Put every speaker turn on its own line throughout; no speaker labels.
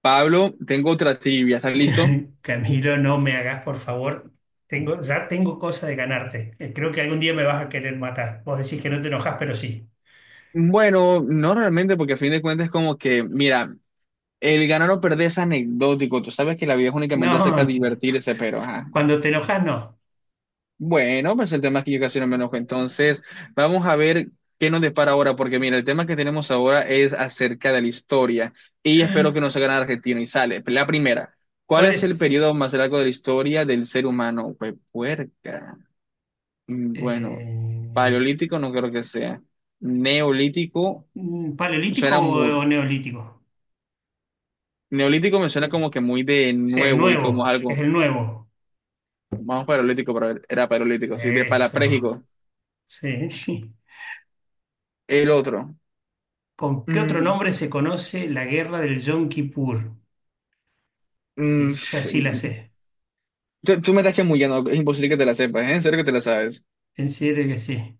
Pablo, tengo otra trivia, ¿estás listo?
Camilo, no me hagas, por favor. Tengo, ya tengo cosa de ganarte. Creo que algún día me vas a querer matar. Vos decís que no te enojas, pero sí.
Bueno, no realmente, porque a fin de cuentas es como que, mira, el ganar o perder es anecdótico. Tú sabes que la vida es
No,
únicamente
no,
acerca de
no.
divertirse, pero ajá.
Cuando te enojas, no.
Bueno, pues el tema es que yo casi no me enojo. Entonces, vamos a ver qué nos depara ahora, porque mira, el tema que tenemos ahora es acerca de la historia y espero que nos hagan argentino y sale. La primera, ¿cuál
¿Cuál
es el
es?
periodo más largo de la historia del ser humano? Pues puerca. Bueno,
eh,
paleolítico no creo que sea. Neolítico
¿Paleolítico
suena muy.
o neolítico?
Neolítico me suena
Sí,
como que muy de
sí, el
nuevo y como
nuevo, es
algo.
el nuevo.
Vamos paleolítico, pero era paleolítico, sí, de
Eso.
palaprégico.
Sí, sí.
El otro.
¿Con qué otro
Mm,
nombre se conoce la guerra del Yom Kippur? Esa sí la
sí,
sé.
tú me estás chamullando, es imposible que te la sepas, ¿eh? En serio que te la sabes.
En serio que sí.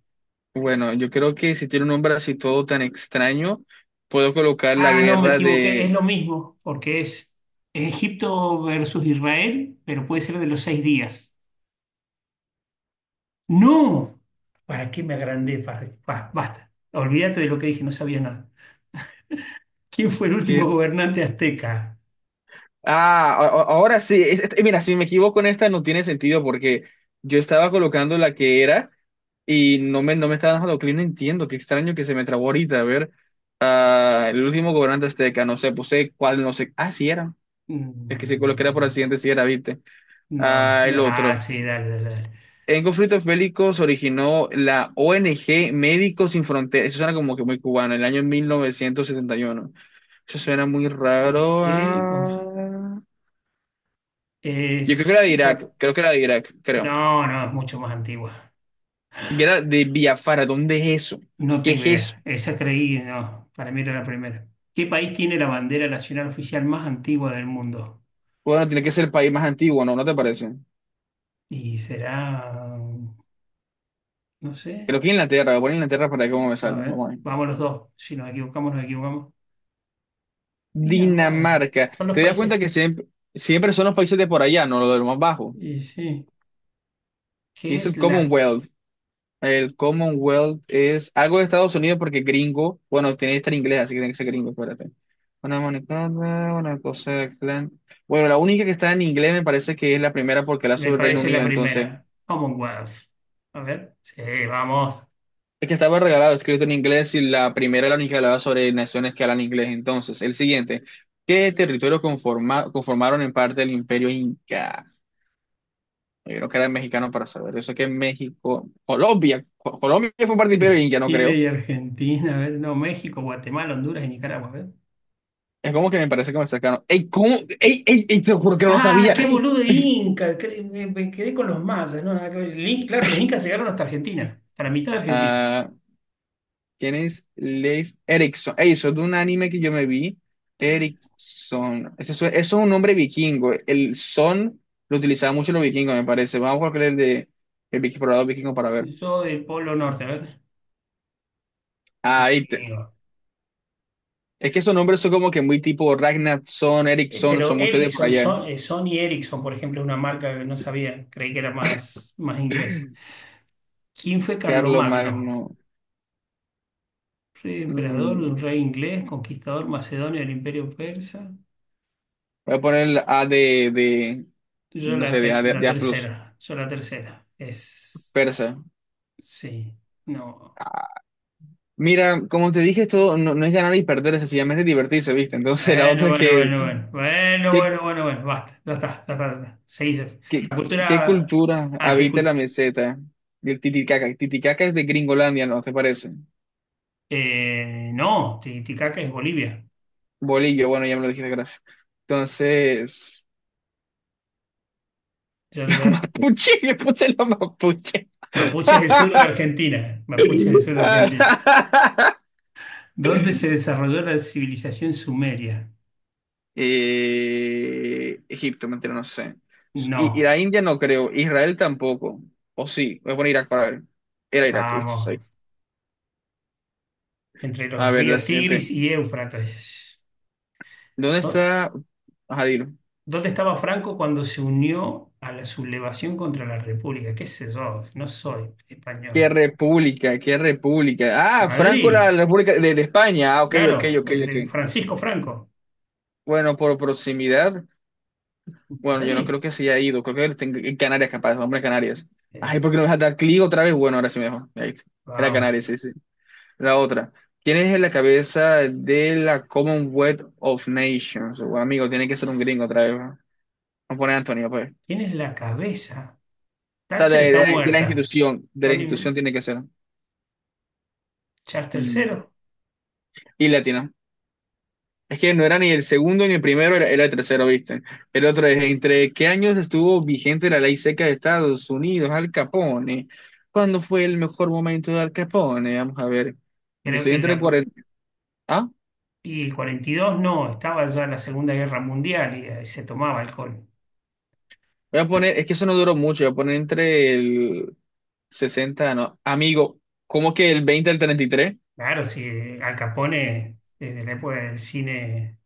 Bueno, yo creo que si tiene un nombre así todo tan extraño, puedo colocar la
Ah, no, me
guerra
equivoqué, es lo
de.
mismo, porque es Egipto versus Israel, pero puede ser de los seis días. ¡No! ¿Para qué me agrandé? ¿Farri? Basta, olvídate de lo que dije, no sabía nada. ¿Quién fue el último gobernante azteca?
Ah, ahora sí. Mira, si me equivoco en esta no tiene sentido porque yo estaba colocando la que era y no me estaba dejando clic. No entiendo, qué extraño que se me trabó ahorita. A ver, ah, el último gobernante azteca, no sé, puse cuál, no sé. Ah, sí era. El que se coloqué era por
Mm,
accidente, sí era, viste.
no,
Ah, el
ah,
otro.
sí, dale, dale, dale.
En conflictos bélicos originó la ONG Médicos Sin Fronteras. Eso suena como que muy cubano, el año 1971. Eso suena muy
¿En
raro.
qué?
Ah. Yo creo que era
Es
de Irak,
la...
creo que era de Irak, creo.
No, no, es mucho más antigua.
Que era de Biafara, ¿dónde es eso?
No
¿Qué
tengo
es
idea.
eso?
Esa creí, no, para mí era la primera. ¿Qué país tiene la bandera nacional oficial más antigua del mundo?
Bueno, tiene que ser el país más antiguo, ¿no? ¿No te parece?
Y será, no sé,
Creo que Inglaterra, voy a poner Inglaterra para que cómo me
a
sale. Vamos
ver,
a ver.
vamos los dos. Si nos equivocamos, nos equivocamos. Mira, más,
Dinamarca.
son los
¿Te das cuenta
países.
que siempre, siempre son los países de por allá, no los de lo más bajo?
Y sí,
¿Qué
¿qué
es
es
el
la,
Commonwealth? El Commonwealth es algo de Estados Unidos porque gringo, bueno, tiene que estar inglés, así que tiene que ser gringo, espérate. Una monoclonal, una cosa excelente. Bueno, la única que está en inglés me parece que es la primera porque la
me
sube el Reino
parece la
Unido, entonces
primera? Commonwealth. A ver, sí, vamos.
el que estaba regalado, escrito en inglés, y la primera era la hablaba sobre naciones que hablan inglés. Entonces, el siguiente, ¿qué territorio conformaron en parte el Imperio Inca? Yo creo que era mexicano para saber. Yo sé que México, Colombia, Colombia fue parte del Imperio
Y
Inca, no
Chile
creo.
y Argentina, a ver, no, México, Guatemala, Honduras y Nicaragua, a ver.
Es como que me parece que me cercano. ¡Ey, cómo! ¡Ey, ey, ey! Te lo juro que no lo
Ah,
sabía.
qué boludo Inca, me quedé con los mayas, no, nada que ver. Claro, los incas llegaron hasta Argentina, hasta la mitad de Argentina.
Ah, ¿quién es Leif Erikson? Ey, eso es de un anime que yo me vi. Erikson. Eso, es un nombre vikingo. El son lo utilizaban mucho los vikingos, me parece. Vamos a buscar el de el explorador vikingo para ver.
Yo del Polo Norte, a ver.
Ahí te.
Vikingo.
Es que esos nombres son como que muy tipo Ragnarsson, Eriksson,
Pero
son muchos de por
Ericsson,
allá.
Sony Ericsson, por ejemplo, es una marca que no sabía, creí que era más, más inglés. ¿Quién fue
Carlos
Carlomagno?
Magno.
Rey emperador, un
mm,
rey inglés, conquistador macedonio del Imperio Persa.
voy a poner el A no sé, de A, de,
La
de A plus,
tercera, yo la tercera. Es.
persa.
Sí, no.
Mira, como te dije, esto no es ganar y perder, es sencillamente divertirse, ¿viste? Entonces la
Bueno,
otra es
bueno,
que,
bueno, bueno. Bueno,
¿qué
bueno, bueno, bueno. Basta, ya está, ya está, ya está. Seguís.
¿qué,
La
qué
cultura.
cultura
Ah, ¿qué
habita
cultura?
la meseta del Titicaca? Titicaca es de Gringolandia, ¿no? ¿Te parece?
No, Titicaca es Bolivia.
Bolillo, bueno, ya me lo dijiste, gracias. Entonces,
Ya, ya-
mapuche, le puse la mapuche.
Mapuche es el sur de Argentina. Mapuche es el sur de Argentina. ¿Dónde se desarrolló la civilización sumeria?
Egipto, mentira, no sé. Y
No,
la India no creo, Israel tampoco. O sí, voy a poner Irak para ver. Era Irak, ¿viste? Sí.
vamos, entre
A
los
ver, la
ríos Tigris
siguiente.
y Éufrates.
¿Dónde
¿Dó-
está? Ajá, dilo.
¿Dónde estaba Franco cuando se unió a la sublevación contra la República? ¿Qué sé yo? No soy
¿Qué
español.
república? ¿Qué república? Ah, Franco,
Madrid,
la República de España. Ah, ok, ok,
claro,
ok,
el,
ok.
el Francisco Franco.
Bueno, por proximidad, bueno, yo no
Madrid.
creo que se haya ido. Creo que está en Canarias, capaz, hombre, en Canarias.
Eh,
Ay, ¿por qué no me vas a dar clic otra vez? Bueno, ahora sí mejor. Ahí está. Era Canarias,
vamos.
sí, sí. La otra. ¿Quién es la cabeza de la Commonwealth of Nations? Bueno, amigo, tiene que ser un gringo
Es-
otra vez. ¿No? Vamos a poner a Antonio, pues. O
¿Quién es la cabeza?
sea,
Thatcher está
de la
muerta.
institución. De la
Tony
institución
Blair,
tiene que ser.
Charles III.
Mm. Y latino. Es que no era ni el segundo ni el primero, era el tercero, ¿viste? El otro es, ¿entre qué años estuvo vigente la ley seca de Estados Unidos, Al Capone? ¿Cuándo fue el mejor momento de Al Capone? Vamos a ver. Yo
Creo
estoy
que la,
entre
pro-
40... Ah,
y el 42 no, estaba ya la Segunda Guerra Mundial y, ahí se tomaba alcohol.
voy a poner, es que eso no duró mucho, voy a poner entre el 60, no. Amigo, ¿cómo que el 20 al 33?
Claro, si Al Capone, desde la época del cine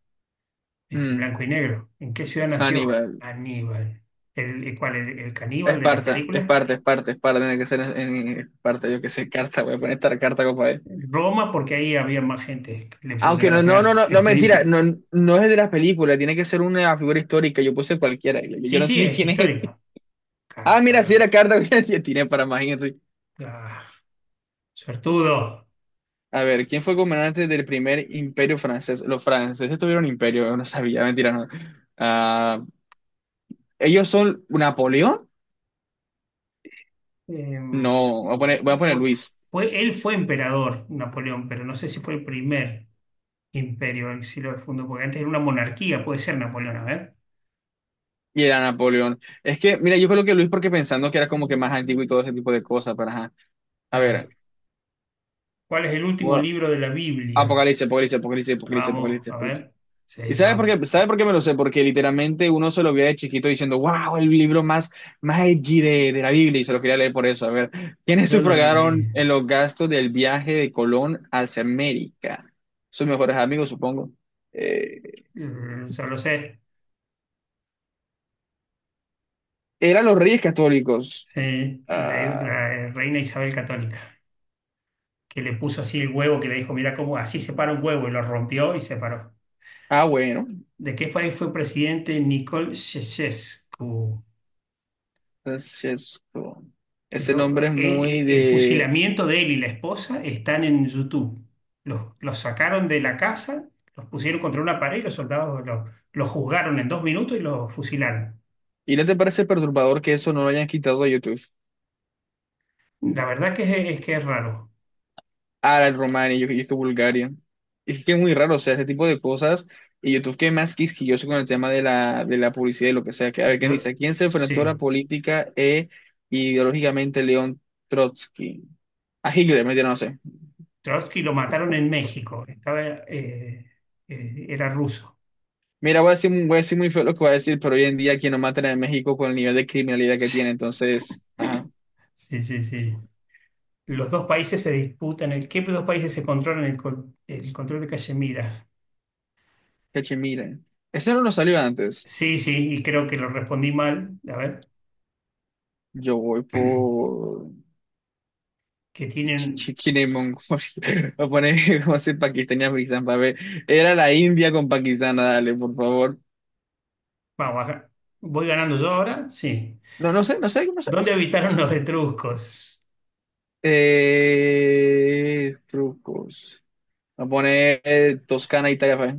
este, en
Mm,
blanco y negro. ¿En qué ciudad nació
Hannibal.
Aníbal? El cuál? El caníbal de la
Esparta,
película?
Esparta, Esparta, Esparta, tiene que ser en Esparta, yo qué sé, carta, voy a poner esta carta, copa.
Roma, porque ahí había más gente que le pudo
Aunque
llegar a pegar.
no,
Está
mentira,
difícil.
no, no es de las películas, tiene que ser una figura histórica, yo puse cualquiera, yo
Sí,
no sé
sí,
ni
es
quién es ese.
histórico.
Ah, mira, sí era
Cartago.
Carta, tiré para más Henry.
Ah, suertudo.
A ver, ¿quién fue gobernante del primer imperio francés? Los franceses tuvieron imperio, yo no sabía, mentira, no. Ah, ¿ellos son Napoleón?
Em,
No, voy a poner
porque
Luis,
fue, él fue emperador, Napoleón, pero no sé si fue el primer. Imperio, exilio de fondo, porque antes era una monarquía, puede ser Napoleón, a ver.
y era Napoleón. Es que, mira, yo creo que Luis porque pensando que era como que más antiguo y todo ese tipo de cosas, pero ajá. A
Claro.
ver,
¿Cuál es el último
gua-
libro de la Biblia?
Apocalipsis, Apocalipsis, Apocalipsis, Apocalipsis,
Vamos, a
Apocalipsis.
ver.
¿Y
Sí,
sabes por
vamos.
qué? ¿Sabe por qué me lo sé? Porque literalmente uno se lo veía de chiquito diciendo, wow, el libro más, más edgy de la Biblia, y se lo quería leer por eso. A ver, ¿quiénes
Yo no lo leí.
sufragaron en los gastos del viaje de Colón hacia América? Sus mejores amigos, supongo. Eh,
Mm, ya lo sé.
eran los reyes católicos.
Sí, la,
Ah,
la reina Isabel Católica, que le puso así el huevo, que le dijo, mira cómo así se para un huevo, y lo rompió y se paró.
ah, bueno,
¿De qué país fue presidente Nicole Ceausescu?
Francesco. Ese nombre es muy
El
de...
fusilamiento de él y la esposa están en YouTube. Los sacaron de la casa, los pusieron contra una pared y los soldados los juzgaron en dos minutos y los fusilaron.
¿Y no te parece perturbador que eso no lo hayan quitado de YouTube?
La verdad que es que es raro.
Ah, el Romani, yo estoy Bulgaria. Es que es muy raro, o sea, ese tipo de cosas. Y YouTube que es más quisquilloso con el tema de de la publicidad y lo que sea. Que, a ver, ¿quién
Yo-
dice? ¿Quién se enfrentó a la
sí,
política e ideológicamente León Trotsky? A Hitler, mentira, no sé.
Trotsky lo mataron en México. Estaba, era ruso.
Mira, voy a decir muy feo lo que voy a decir, pero hoy en día aquí no matan en México con el nivel de criminalidad que tiene. Entonces, ajá,
Sí, sí, sí. Los dos países se disputan el, ¿qué dos países se controlan el, el control de Cachemira?
que mira. Ese no lo salió antes.
Sí, sí, y creo que lo respondí mal. A ver.
Yo voy por...
que tienen.
China y Mongolia. Voy a poner como si Pakistán y Afganistán para ver. Era la India con Pakistán, dale, por favor.
Vamos, acá. ¿Voy ganando yo ahora? Sí.
No, no sé, no sé, no sé, no
¿Dónde
sé.
habitaron los etruscos?
Trucos. Voy a poner Toscana, Italia. Pa' ver.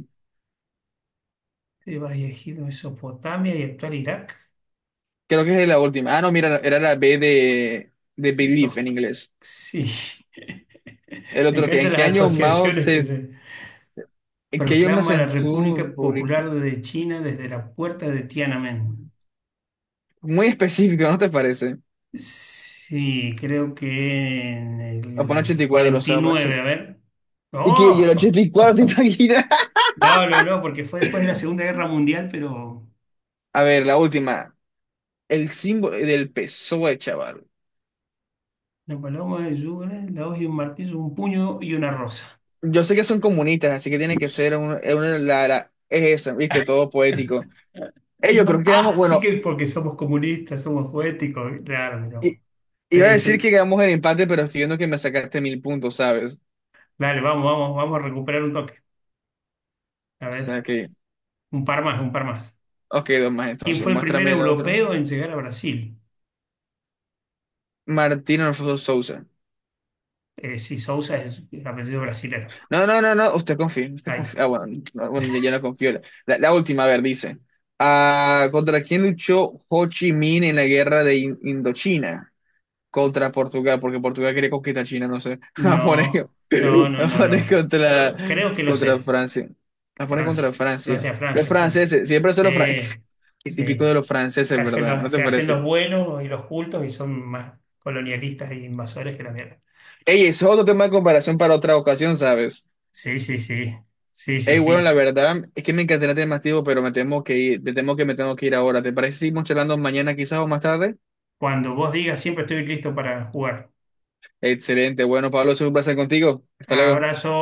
Tebas y Egipto, Mesopotamia y actual Irak.
Creo que es la última. Ah, no, mira, era la B de Belief
Entonces,
en inglés.
sí.
El
Me
otro que,
encantan las asociaciones que se
¿en qué año Mao
proclama la República
Zedong publicó?
Popular de China desde la puerta de Tiananmen.
Muy específico, ¿no te parece?
Sí, creo que en
Voy a poner
el
84, o sea, macho.
49, a ver.
Y que yo el
¡Oh!
84, ¿te imaginas?
No, no, no, porque fue después de la Segunda Guerra Mundial, pero
A ver, la última. El símbolo del PSOE, chaval.
una paloma de lluvia, la hoz y un martillo, un puño y una rosa.
Yo sé que son comunistas, así que tiene que ser un- una, la- es eso, viste, todo poético. Ellos creo que quedamos,
Ah, sí que
bueno,
porque somos comunistas, somos poéticos. Claro, mira vos.
i- iba
Te-
a decir
eso-
que quedamos en empate, pero estoy viendo que me sacaste 1000 puntos, ¿sabes? O
Dale, vamos, vamos, vamos a recuperar un toque. A
sea
ver,
que,
un par más, un par más.
ok, dos más
¿Quién
entonces,
fue el primer
muéstrame el otro.
europeo en llegar a Brasil?
Martín Alfonso Sousa.
Sí, Sousa es el apellido brasilero.
No, no, no, no, usted confía, usted
Ahí.
confía. Ah, bueno, no, bueno, yo ya no confío. La, la última, a ver, dice. Ah, ¿contra quién luchó Ho Chi Minh en la guerra de Indochina? Contra Portugal, porque Portugal quería conquistar China, no sé.
No, no, no,
La
no,
pone
no.
contra,
Yo creo que lo
contra
sé.
Francia. La pone contra
Francia,
Francia.
Francia,
Los
Francia, Francia.
franceses, siempre son los franceses.
Sí,
Qué
sí.
típico de los franceses, ¿verdad? ¿No te
Se hacen los
parece?
buenos y los cultos y son más colonialistas e invasores que la mierda.
Ey, eso es otro tema de comparación para otra ocasión, ¿sabes?
Sí, sí, sí. Sí, sí,
Ey, bueno, la
sí.
verdad es que me encantaría tener más tiempo, pero me temo que ir, te temo que me tengo que ir ahora. ¿Te parece si seguimos charlando mañana quizás o más tarde?
Cuando vos digas, siempre estoy listo para jugar.
Excelente. Bueno, Pablo, es un placer contigo. Hasta luego.
Abrazo.